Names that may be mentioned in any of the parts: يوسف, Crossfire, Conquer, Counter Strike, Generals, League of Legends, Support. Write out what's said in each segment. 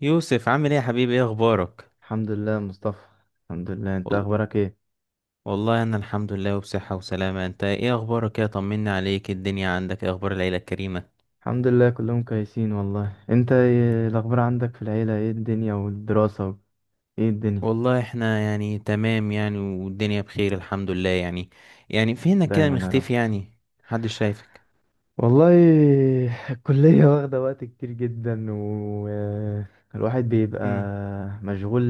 يوسف عامل ايه يا حبيبي؟ ايه اخبارك؟ الحمد لله مصطفى. الحمد لله، انت وال... اخبارك ايه؟ والله انا الحمد لله وبصحة وسلامة. انت ايه اخبارك؟ ايه طمني عليك؟ إيه الدنيا عندك؟ ايه اخبار العيلة الكريمة؟ الحمد لله كلهم كويسين والله. انت ايه الاخبار عندك في العيله؟ ايه الدنيا والدراسه ايه الدنيا؟ والله احنا يعني تمام يعني، والدنيا بخير الحمد لله يعني. يعني فينك كده دايما يا رب. مختفي يعني؟ محدش شايفك. والله الكليه واخده وقت كتير جدا، والواحد بيبقى امم مشغول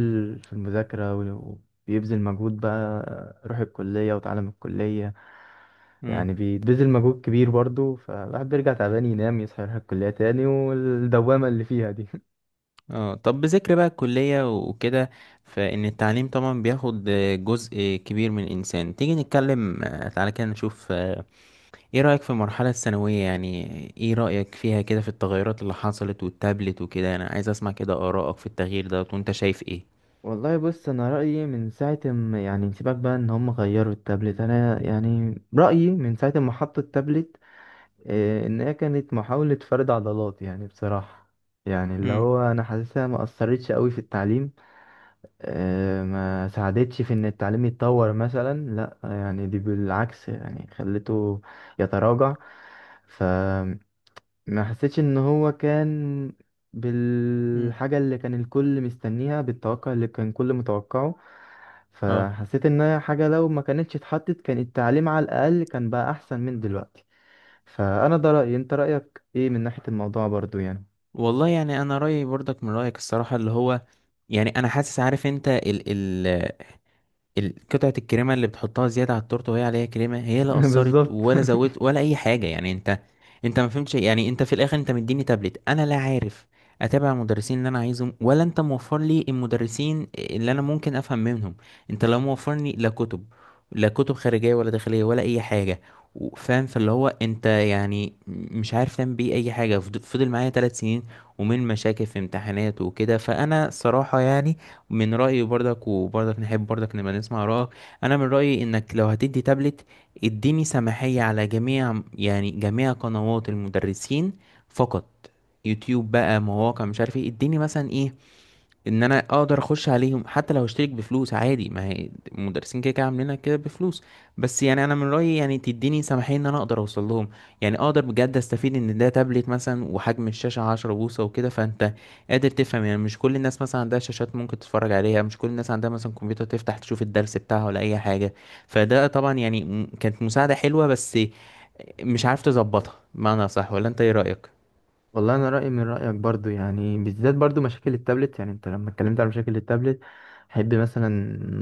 في المذاكره وبيبذل مجهود بقى. روح الكليه وتعلم الكليه، امم يعني بيبذل مجهود كبير برضه، فالواحد بيرجع تعبان، ينام، يصحى، يروح الكليه تاني، والدوامه اللي فيها دي. اه، طب بذكر بقى الكلية وكده، فإن التعليم طبعا بياخد جزء كبير من الإنسان. تيجي نتكلم تعالى كده نشوف، ايه رأيك في المرحلة الثانوية يعني؟ ايه رأيك فيها كده، في التغيرات اللي حصلت والتابلت وكده؟ انا عايز اسمع كده آرائك في التغيير ده، وانت شايف ايه. والله بص، انا رايي من ساعه ما يعني سيبك بقى ان هم غيروا التابلت، انا يعني رايي من ساعه ما حطوا التابلت ان هي كانت محاوله فرد عضلات يعني بصراحه. يعني اللي امم هو انا حاسسها ما اثرتش قوي في التعليم، ما ساعدتش في ان التعليم يتطور مثلا، لا يعني دي بالعكس يعني خلته يتراجع. ف ما حسيتش ان هو كان امم بالحاجة اللي كان الكل مستنيها، بالتوقع اللي كان الكل متوقعه. اه، فحسيت ان هي حاجة لو ما كانتش اتحطت كان التعليم على الاقل كان بقى احسن من دلوقتي. فانا ده رأيي، انت رأيك ايه من ناحية الموضوع برضو يعني؟ والله يعني انا رأيي برضك من رأيك الصراحة، اللي هو يعني انا حاسس. عارف انت ال قطعة الكريمة اللي بتحطها زيادة على التورتة وهي عليها كريمة، هي لا أثرت بالظبط. ولا زودت ولا أي حاجة. يعني أنت ما فهمتش. يعني أنت في الآخر أنت مديني تابلت، أنا لا عارف أتابع المدرسين اللي أنا عايزهم، ولا أنت موفر لي المدرسين اللي أنا ممكن أفهم منهم. أنت لا موفرني لا كتب، لا كتب خارجية ولا داخلية ولا أي حاجة. فاهم؟ فاللي هو أنت يعني مش عارف تعمل بيه أي حاجة، فضل معايا ثلاث سنين ومن مشاكل في امتحانات وكده. فأنا صراحة يعني من رأيي، برضك وبرضك نحب برضك نبقى نسمع رأيك، أنا من رأيي إنك لو هتدي تابلت اديني سماحية على جميع يعني جميع قنوات المدرسين فقط، يوتيوب بقى، مواقع مش عارف ايه، اديني مثلا ايه ان انا اقدر اخش عليهم، حتى لو اشترك بفلوس عادي. ما هي المدرسين كده كده عاملينها كده بفلوس. بس يعني انا من رايي يعني تديني سماحيه ان انا اقدر اوصل لهم، يعني اقدر بجد استفيد. ان ده تابلت مثلا وحجم الشاشه 10 بوصة بوصه وكده، فانت قادر تفهم. يعني مش كل الناس مثلا عندها شاشات ممكن تتفرج عليها، مش كل الناس عندها مثلا كمبيوتر تفتح تشوف الدرس بتاعها ولا اي حاجه. فده طبعا يعني كانت مساعده حلوه، بس مش عارف تظبطها بمعنى صح. ولا انت ايه رايك؟ والله انا رايي من رايك برضو يعني، بالذات برضو مشاكل التابلت. يعني انت لما اتكلمت على مشاكل التابلت، احب مثلا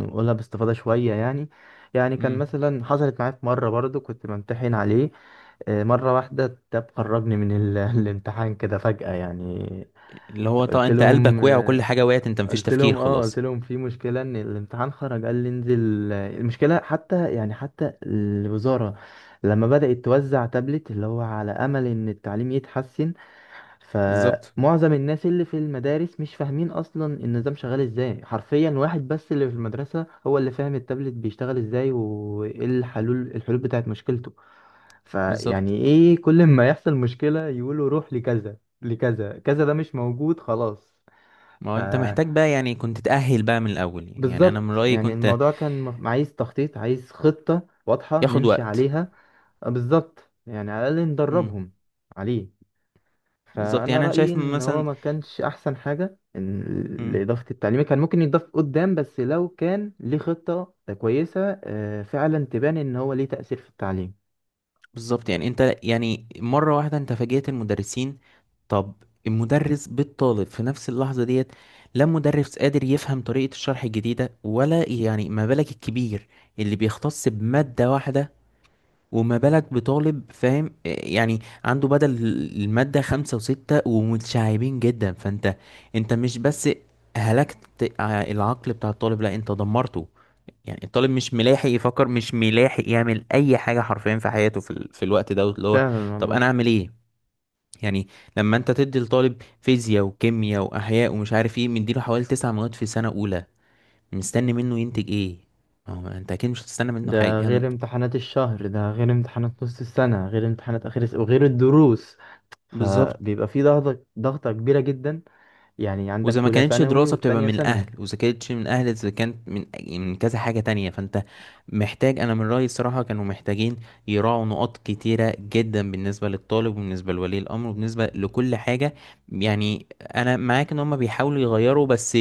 نقولها باستفاضه شويه يعني. يعني كان امم. مثلا حصلت معايا في مره برضو كنت بمتحن عليه، مرة واحدة التاب خرجني من الامتحان كده فجأة يعني. اللي هو طبعا قلت انت لهم قلبك وقع وكل آه، حاجه وقعت، انت مفيش قلت تفكير لهم اه خلاص. قلت لهم في مشكلة ان الامتحان خرج، قال لي انزل. المشكلة حتى يعني حتى الوزارة لما بدأت توزع تابلت اللي هو على أمل ان التعليم يتحسن، بالظبط. فمعظم الناس اللي في المدارس مش فاهمين اصلا النظام شغال ازاي. حرفيا واحد بس اللي في المدرسة هو اللي فاهم التابلت بيشتغل ازاي وايه الحلول بتاعت مشكلته. بالظبط، فيعني ايه، كل ما يحصل مشكلة يقولوا روح لكذا لكذا كذا، ده مش موجود خلاص. ما ف هو انت محتاج بقى، يعني كنت تأهل بقى من الأول. يعني يعني أنا من بالظبط، رأيي يعني كنت الموضوع كان عايز تخطيط، عايز خطة واضحة ياخد نمشي وقت. عليها. بالظبط، يعني على الأقل امم. ندربهم عليه. بالظبط، فانا يعني أنا رايي شايف ان هو مثلا. ما كانش احسن حاجه امم. لاضافه التعليم كان ممكن يتضاف قدام، بس لو كان ليه خطه كويسه فعلا تبان ان هو ليه تاثير في التعليم. بالظبط، يعني أنت يعني مرة واحدة أنت فاجئت المدرسين. طب المدرس بالطالب في نفس اللحظة ديت، لا مدرس قادر يفهم طريقة الشرح الجديدة، ولا يعني ما بالك الكبير اللي بيختص بمادة واحدة، وما بالك بطالب فاهم؟ يعني عنده بدل المادة خمسة وستة ومتشعبين جدا. فانت انت مش بس هلكت العقل بتاع الطالب، لا انت دمرته. يعني الطالب مش ملاحق يفكر، مش ملاحق يعمل اي حاجة حرفيا في حياته، في الوقت ده اللي هو، فعلا طب والله. انا اعمل ايه يعني؟ لما انت تدي لطالب فيزياء وكيمياء واحياء ومش عارف ايه، مديله حوالي تسع مواد في سنة اولى، مستني منه ينتج ايه؟ ما هو انت اكيد مش هتستنى منه حاجة ده كان-. غير امتحانات الشهر، ده غير امتحانات نص السنه، غير امتحانات اخر السنه، وغير الدروس. بالظبط. فبيبقى في ضغطه ضغطه كبيره جدا. يعني واذا عندك ما اولى كانتش ثانوي دراسة بتبقى والتانية من اهل، ثانوي. واذا كانتش من اهل، اذا كانت من كذا حاجة تانية، فانت محتاج. انا من رأيي الصراحة كانوا محتاجين يراعوا نقاط كتيرة جدا بالنسبة للطالب، وبالنسبة لولي الامر، وبالنسبة لكل حاجة. يعني انا معاك ان هم بيحاولوا يغيروا، بس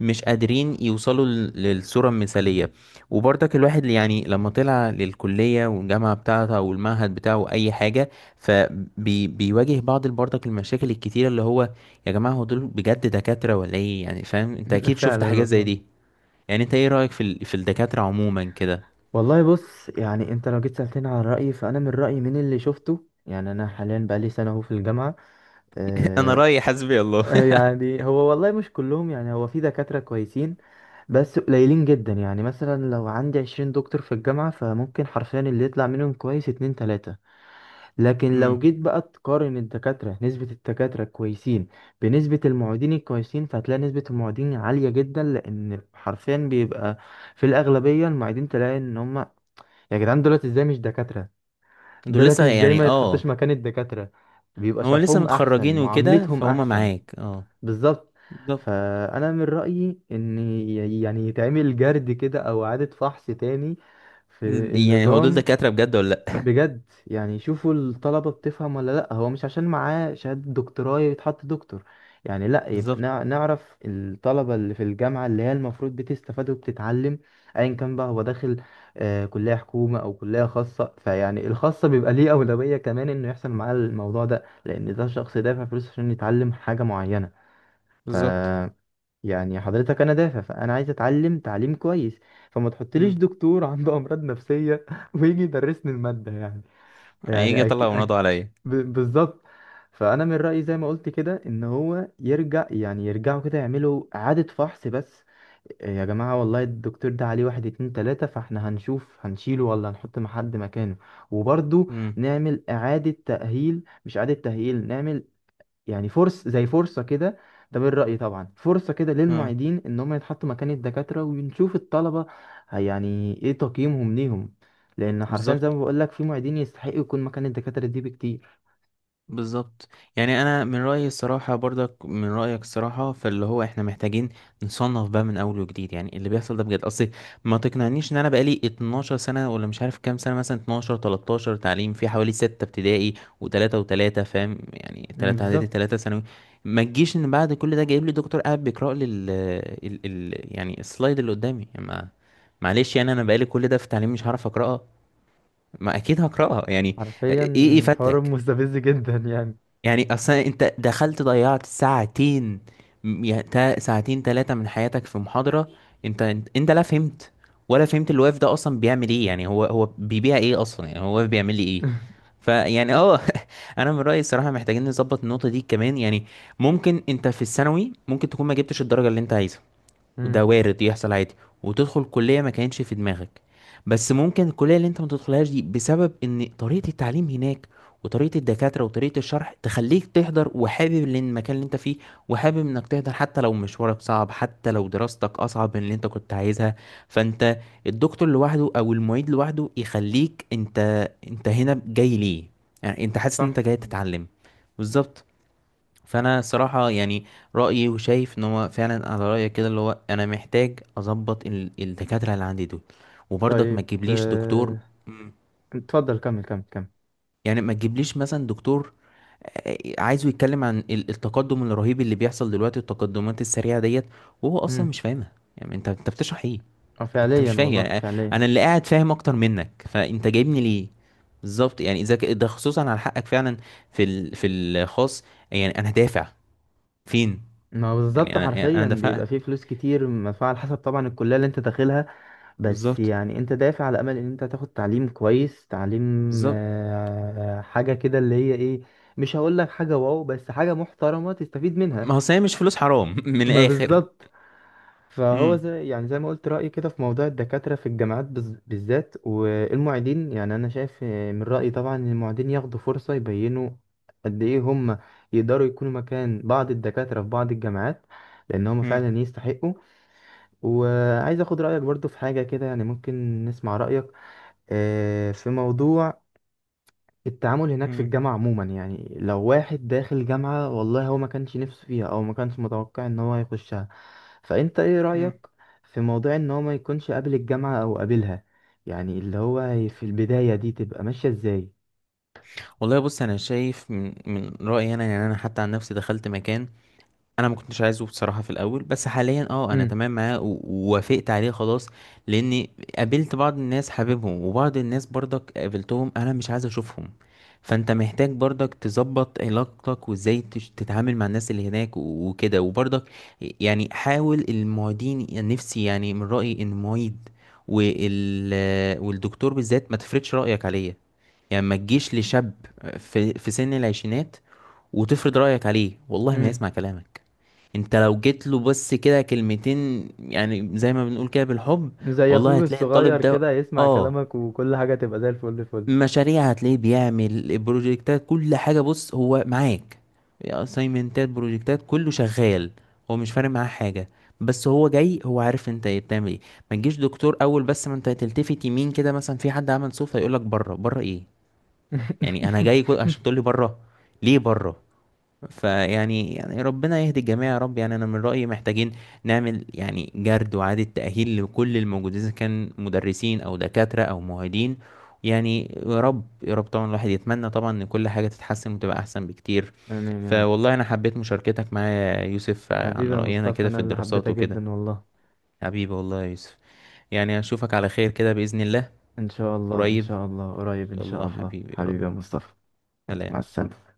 مش قادرين يوصلوا للصورة المثالية. وبرضك الواحد اللي يعني لما طلع للكلية والجامعة بتاعته او المعهد بتاعه اي حاجة، فبيواجه بعض برضك المشاكل الكتيرة اللي هو، يا جماعة هو دول بجد دكاترة ولا ايه؟ يعني فاهم؟ انت اكيد شفت فعلا حاجات زي دي. والله. يعني انت ايه رأيك في في الدكاترة عموما كده؟ والله بص، يعني انت لو جيت سألتني على رأيي، فأنا من رأيي من اللي شفته، يعني أنا حاليا بقالي سنة أهو في الجامعة. انا آه. رأيي حسبي الله. يعني هو والله مش كلهم، يعني هو في دكاترة كويسين، بس قليلين جدا. يعني مثلا لو عندي 20 دكتور في الجامعة، فممكن حرفيا اللي يطلع منهم كويس اتنين تلاتة. لكن لو امم. جيت بقى تقارن الدكاترة، نسبة الدكاترة الكويسين بنسبة المعيدين الكويسين، فهتلاقي نسبة المعيدين عالية جدا، لأن حرفيا بيبقى في الأغلبية المعيدين. تلاقي إن هم يا جدعان دولت ازاي مش دكاترة، دول دولت لسه ازاي يعني ما يتحطش اه، مكان الدكاترة. بيبقى هو لسه شرحهم احسن، متخرجين وكده، معاملتهم فهم احسن. معاك اه. بالظبط. بالظبط. فانا من رأيي ان يعني يتعمل جرد كده او اعادة فحص تاني في يعني هو دول النظام. دكاترة بجد ولا لا؟ بجد يعني شوفوا الطلبة بتفهم ولا لأ، هو مش عشان معاه شهادة دكتوراه يتحط دكتور. يعني لأ، يبقى بالظبط. نعرف الطلبة اللي في الجامعة اللي هي المفروض بتستفاد وبتتعلم، أيا كان بقى هو داخل آه كلية حكومة أو كلية خاصة. فيعني الخاصة بيبقى ليه أولوية كمان إنه يحصل معاه الموضوع ده، لأن ده شخص دافع فلوس عشان يتعلم حاجة معينة. ف بالظبط. يعني حضرتك أنا دافع، فأنا عايز أتعلم تعليم كويس، فما تحطليش امم. دكتور عنده أمراض نفسية ويجي يدرسني المادة يعني. هيجي يعني يطلع مناضه عليا. بالظبط. فانا من رايي زي ما قلت كده، ان هو يرجع، يعني يرجعوا كده يعملوا اعاده فحص بس. إيه يا جماعه والله الدكتور ده عليه واحد اتنين تلاته، فاحنا هنشوف هنشيله ولا هنحط مع حد مكانه. وبرضه امم. نعمل اعاده تاهيل، مش اعاده تاهيل، نعمل يعني فرص زي فرصة كده. ده من رأيي طبعا، فرصة كده اه. للمعيدين ان هم يتحطوا مكان الدكاترة ونشوف الطلبة يعني ايه تقييمهم ليهم. لان حرفيا زي بالظبط. ما بقول لك، في معيدين يستحقوا يكون مكان الدكاترة دي بكتير. بالظبط، يعني انا من رايي الصراحه، برضك من رايك الصراحه، فاللي هو احنا محتاجين نصنف بقى من اول وجديد. يعني اللي بيحصل ده بجد اصل، ما تقنعنيش ان انا بقالي 12 سنه ولا مش عارف كام سنه، مثلا 12 13 تعليم، في حوالي 6 ابتدائي و3 و3، فاهم يعني؟ مم، 3 اعدادي بالظبط. 3 ثانوي. ما تجيش ان بعد كل ده جايب لي دكتور قاعد بيقرا لي ال ال ال يعني السلايد اللي قدامي. يعني ما معلش، يعني انا بقالي كل ده في تعليم، مش هعرف اقراها؟ ما اكيد هقراها يعني. حرفيا ايه ايه حوار فاتك؟ مستفز جدا يعني. يعني اصلا انت دخلت ضيعت ساعتين، ساعتين ثلاثة من حياتك في محاضرة. انت لا فهمت ولا فهمت الواقف ده اصلا بيعمل ايه. يعني هو بيبيع ايه اصلا؟ يعني هو بيعمل لي ايه؟ فيعني اه. انا من رأيي الصراحة محتاجين نظبط النقطة دي كمان. يعني ممكن انت في الثانوي ممكن تكون ما جبتش الدرجة اللي انت عايزها، وده امم. وارد يحصل عادي، وتدخل كلية ما كانش في دماغك. بس ممكن الكلية اللي انت ما تدخلهاش دي بسبب ان طريقة التعليم هناك، وطريقة الدكاترة وطريقة الشرح، تخليك تحضر وحابب المكان اللي انت فيه، وحابب انك تحضر، حتى لو مشوارك صعب، حتى لو دراستك اصعب من اللي انت كنت عايزها. فانت الدكتور لوحده او المعيد لوحده يخليك انت، انت هنا جاي ليه؟ يعني انت حاسس ان صح. انت جاي تتعلم. بالظبط. فانا صراحة يعني رأيي، وشايف ان هو فعلا على رأيك كده، اللي هو انا محتاج اظبط الدكاترة اللي عندي دول. وبرضك ما طيب تجيبليش دكتور. مم. اتفضل كمل كمل كمل. يعني ما تجيبليش مثلا دكتور عايزه يتكلم عن التقدم الرهيب اللي بيحصل دلوقتي والتقدمات السريعة ديت، وهو اصلا امم. مش فاهمها. يعني انت بتشرح ايه؟ اه انت فعليا مش فاهم والله، يعني، فعليا. انا اللي قاعد فاهم اكتر منك، فانت جايبني ليه؟ بالظبط، يعني ده خصوصا على حقك فعلا في في الخاص. يعني انا دافع فين؟ ما هو يعني بالظبط، انا، يعني انا حرفيا بيبقى دفعت. فيه فلوس كتير مدفوعة على حسب طبعا الكلية اللي انت داخلها. بس بالظبط. يعني انت دافع على امل ان انت تاخد تعليم كويس، تعليم بالظبط، حاجه كده اللي هي ايه، مش هقول لك حاجه واو، بس حاجه محترمه تستفيد منها. ما هو صحيح، مش فلوس حرام من ما الاخر؟ بالظبط. فهو امم. زي، يعني زي ما قلت رايي كده في موضوع الدكاتره في الجامعات بالذات، والمعيدين. يعني انا شايف من رايي طبعا ان المعيدين ياخدوا فرصه يبينوا قد ايه هم يقدروا يكونوا مكان بعض الدكاتره في بعض الجامعات، لان هم امم. فعلا يستحقوا. وعايز اخد رايك برضو في حاجه كده، يعني ممكن نسمع رايك في موضوع التعامل هناك في الجامعة عموما. يعني لو واحد داخل جامعة والله هو ما كانش نفسه فيها أو ما كانش متوقع إن هو يخشها، فأنت إيه امم. رأيك في موضوع إن هو ما يكونش قابل الجامعة أو قابلها، يعني اللي هو في البداية دي تبقى ماشية إزاي؟ والله بص، انا شايف من رايي، انا يعني انا حتى عن نفسي دخلت مكان انا ما كنتش عايزه بصراحه في الاول، بس حاليا اه انا امم. تمام معاه، ووافقت عليه خلاص، لاني قابلت بعض الناس حاببهم، وبعض الناس برضك قابلتهم انا مش عايز اشوفهم. فانت محتاج برضك تظبط علاقتك وازاي تتعامل مع الناس اللي هناك وكده. وبرضك يعني حاول المعيدين، يعني نفسي يعني من رايي ان المعيد والدكتور بالذات ما تفرضش رايك عليه. يعني ما تجيش لشاب في سن العشرينات وتفرض رايك عليه، والله ما امم. يسمع كلامك. انت لو جيت له بس كده كلمتين، يعني زي ما بنقول كده بالحب، زي والله اخوك هتلاقي الطالب الصغير ده كده يسمع اه، كلامك وكل حاجه تبقى زي الفل فل. مشاريع هتلاقيه بيعمل بروجكتات كل حاجة، بص هو معاك. اسايمنتات، بروجكتات، كله شغال. هو مش فارق معاه حاجة، بس هو جاي، هو عارف انت ايه بتعمل ايه. ما تجيش دكتور اول بس ما انت تلتفت يمين كده مثلا في حد عمل صوت هيقولك بره، بره ايه؟ يعني انا جاي كل... عشان تقولي بره؟ ليه بره؟ فيعني، يعني ربنا يهدي الجميع يا رب. يعني انا من رأيي محتاجين نعمل يعني جرد وإعادة تأهيل لكل الموجودين، اذا كان مدرسين او دكاترة او معيدين. يعني يا رب يا رب طبعا، الواحد يتمنى طبعا ان كل حاجة تتحسن وتبقى احسن بكتير. آمين يا رب. فوالله انا حبيت مشاركتك معايا يا يوسف، حبيبي عن يا رأينا مصطفى، كده في أنا اللي حبيتها الدراسات وكده. جدا والله. حبيبي والله يا يوسف، يعني اشوفك على خير كده بإذن الله. إن شاء الله إن قريب شاء إن الله قريب إن شاء شاء الله الله، حبيبي، يا رب. حبيبي يا مصطفى. يلا، مع سلام. السلامة.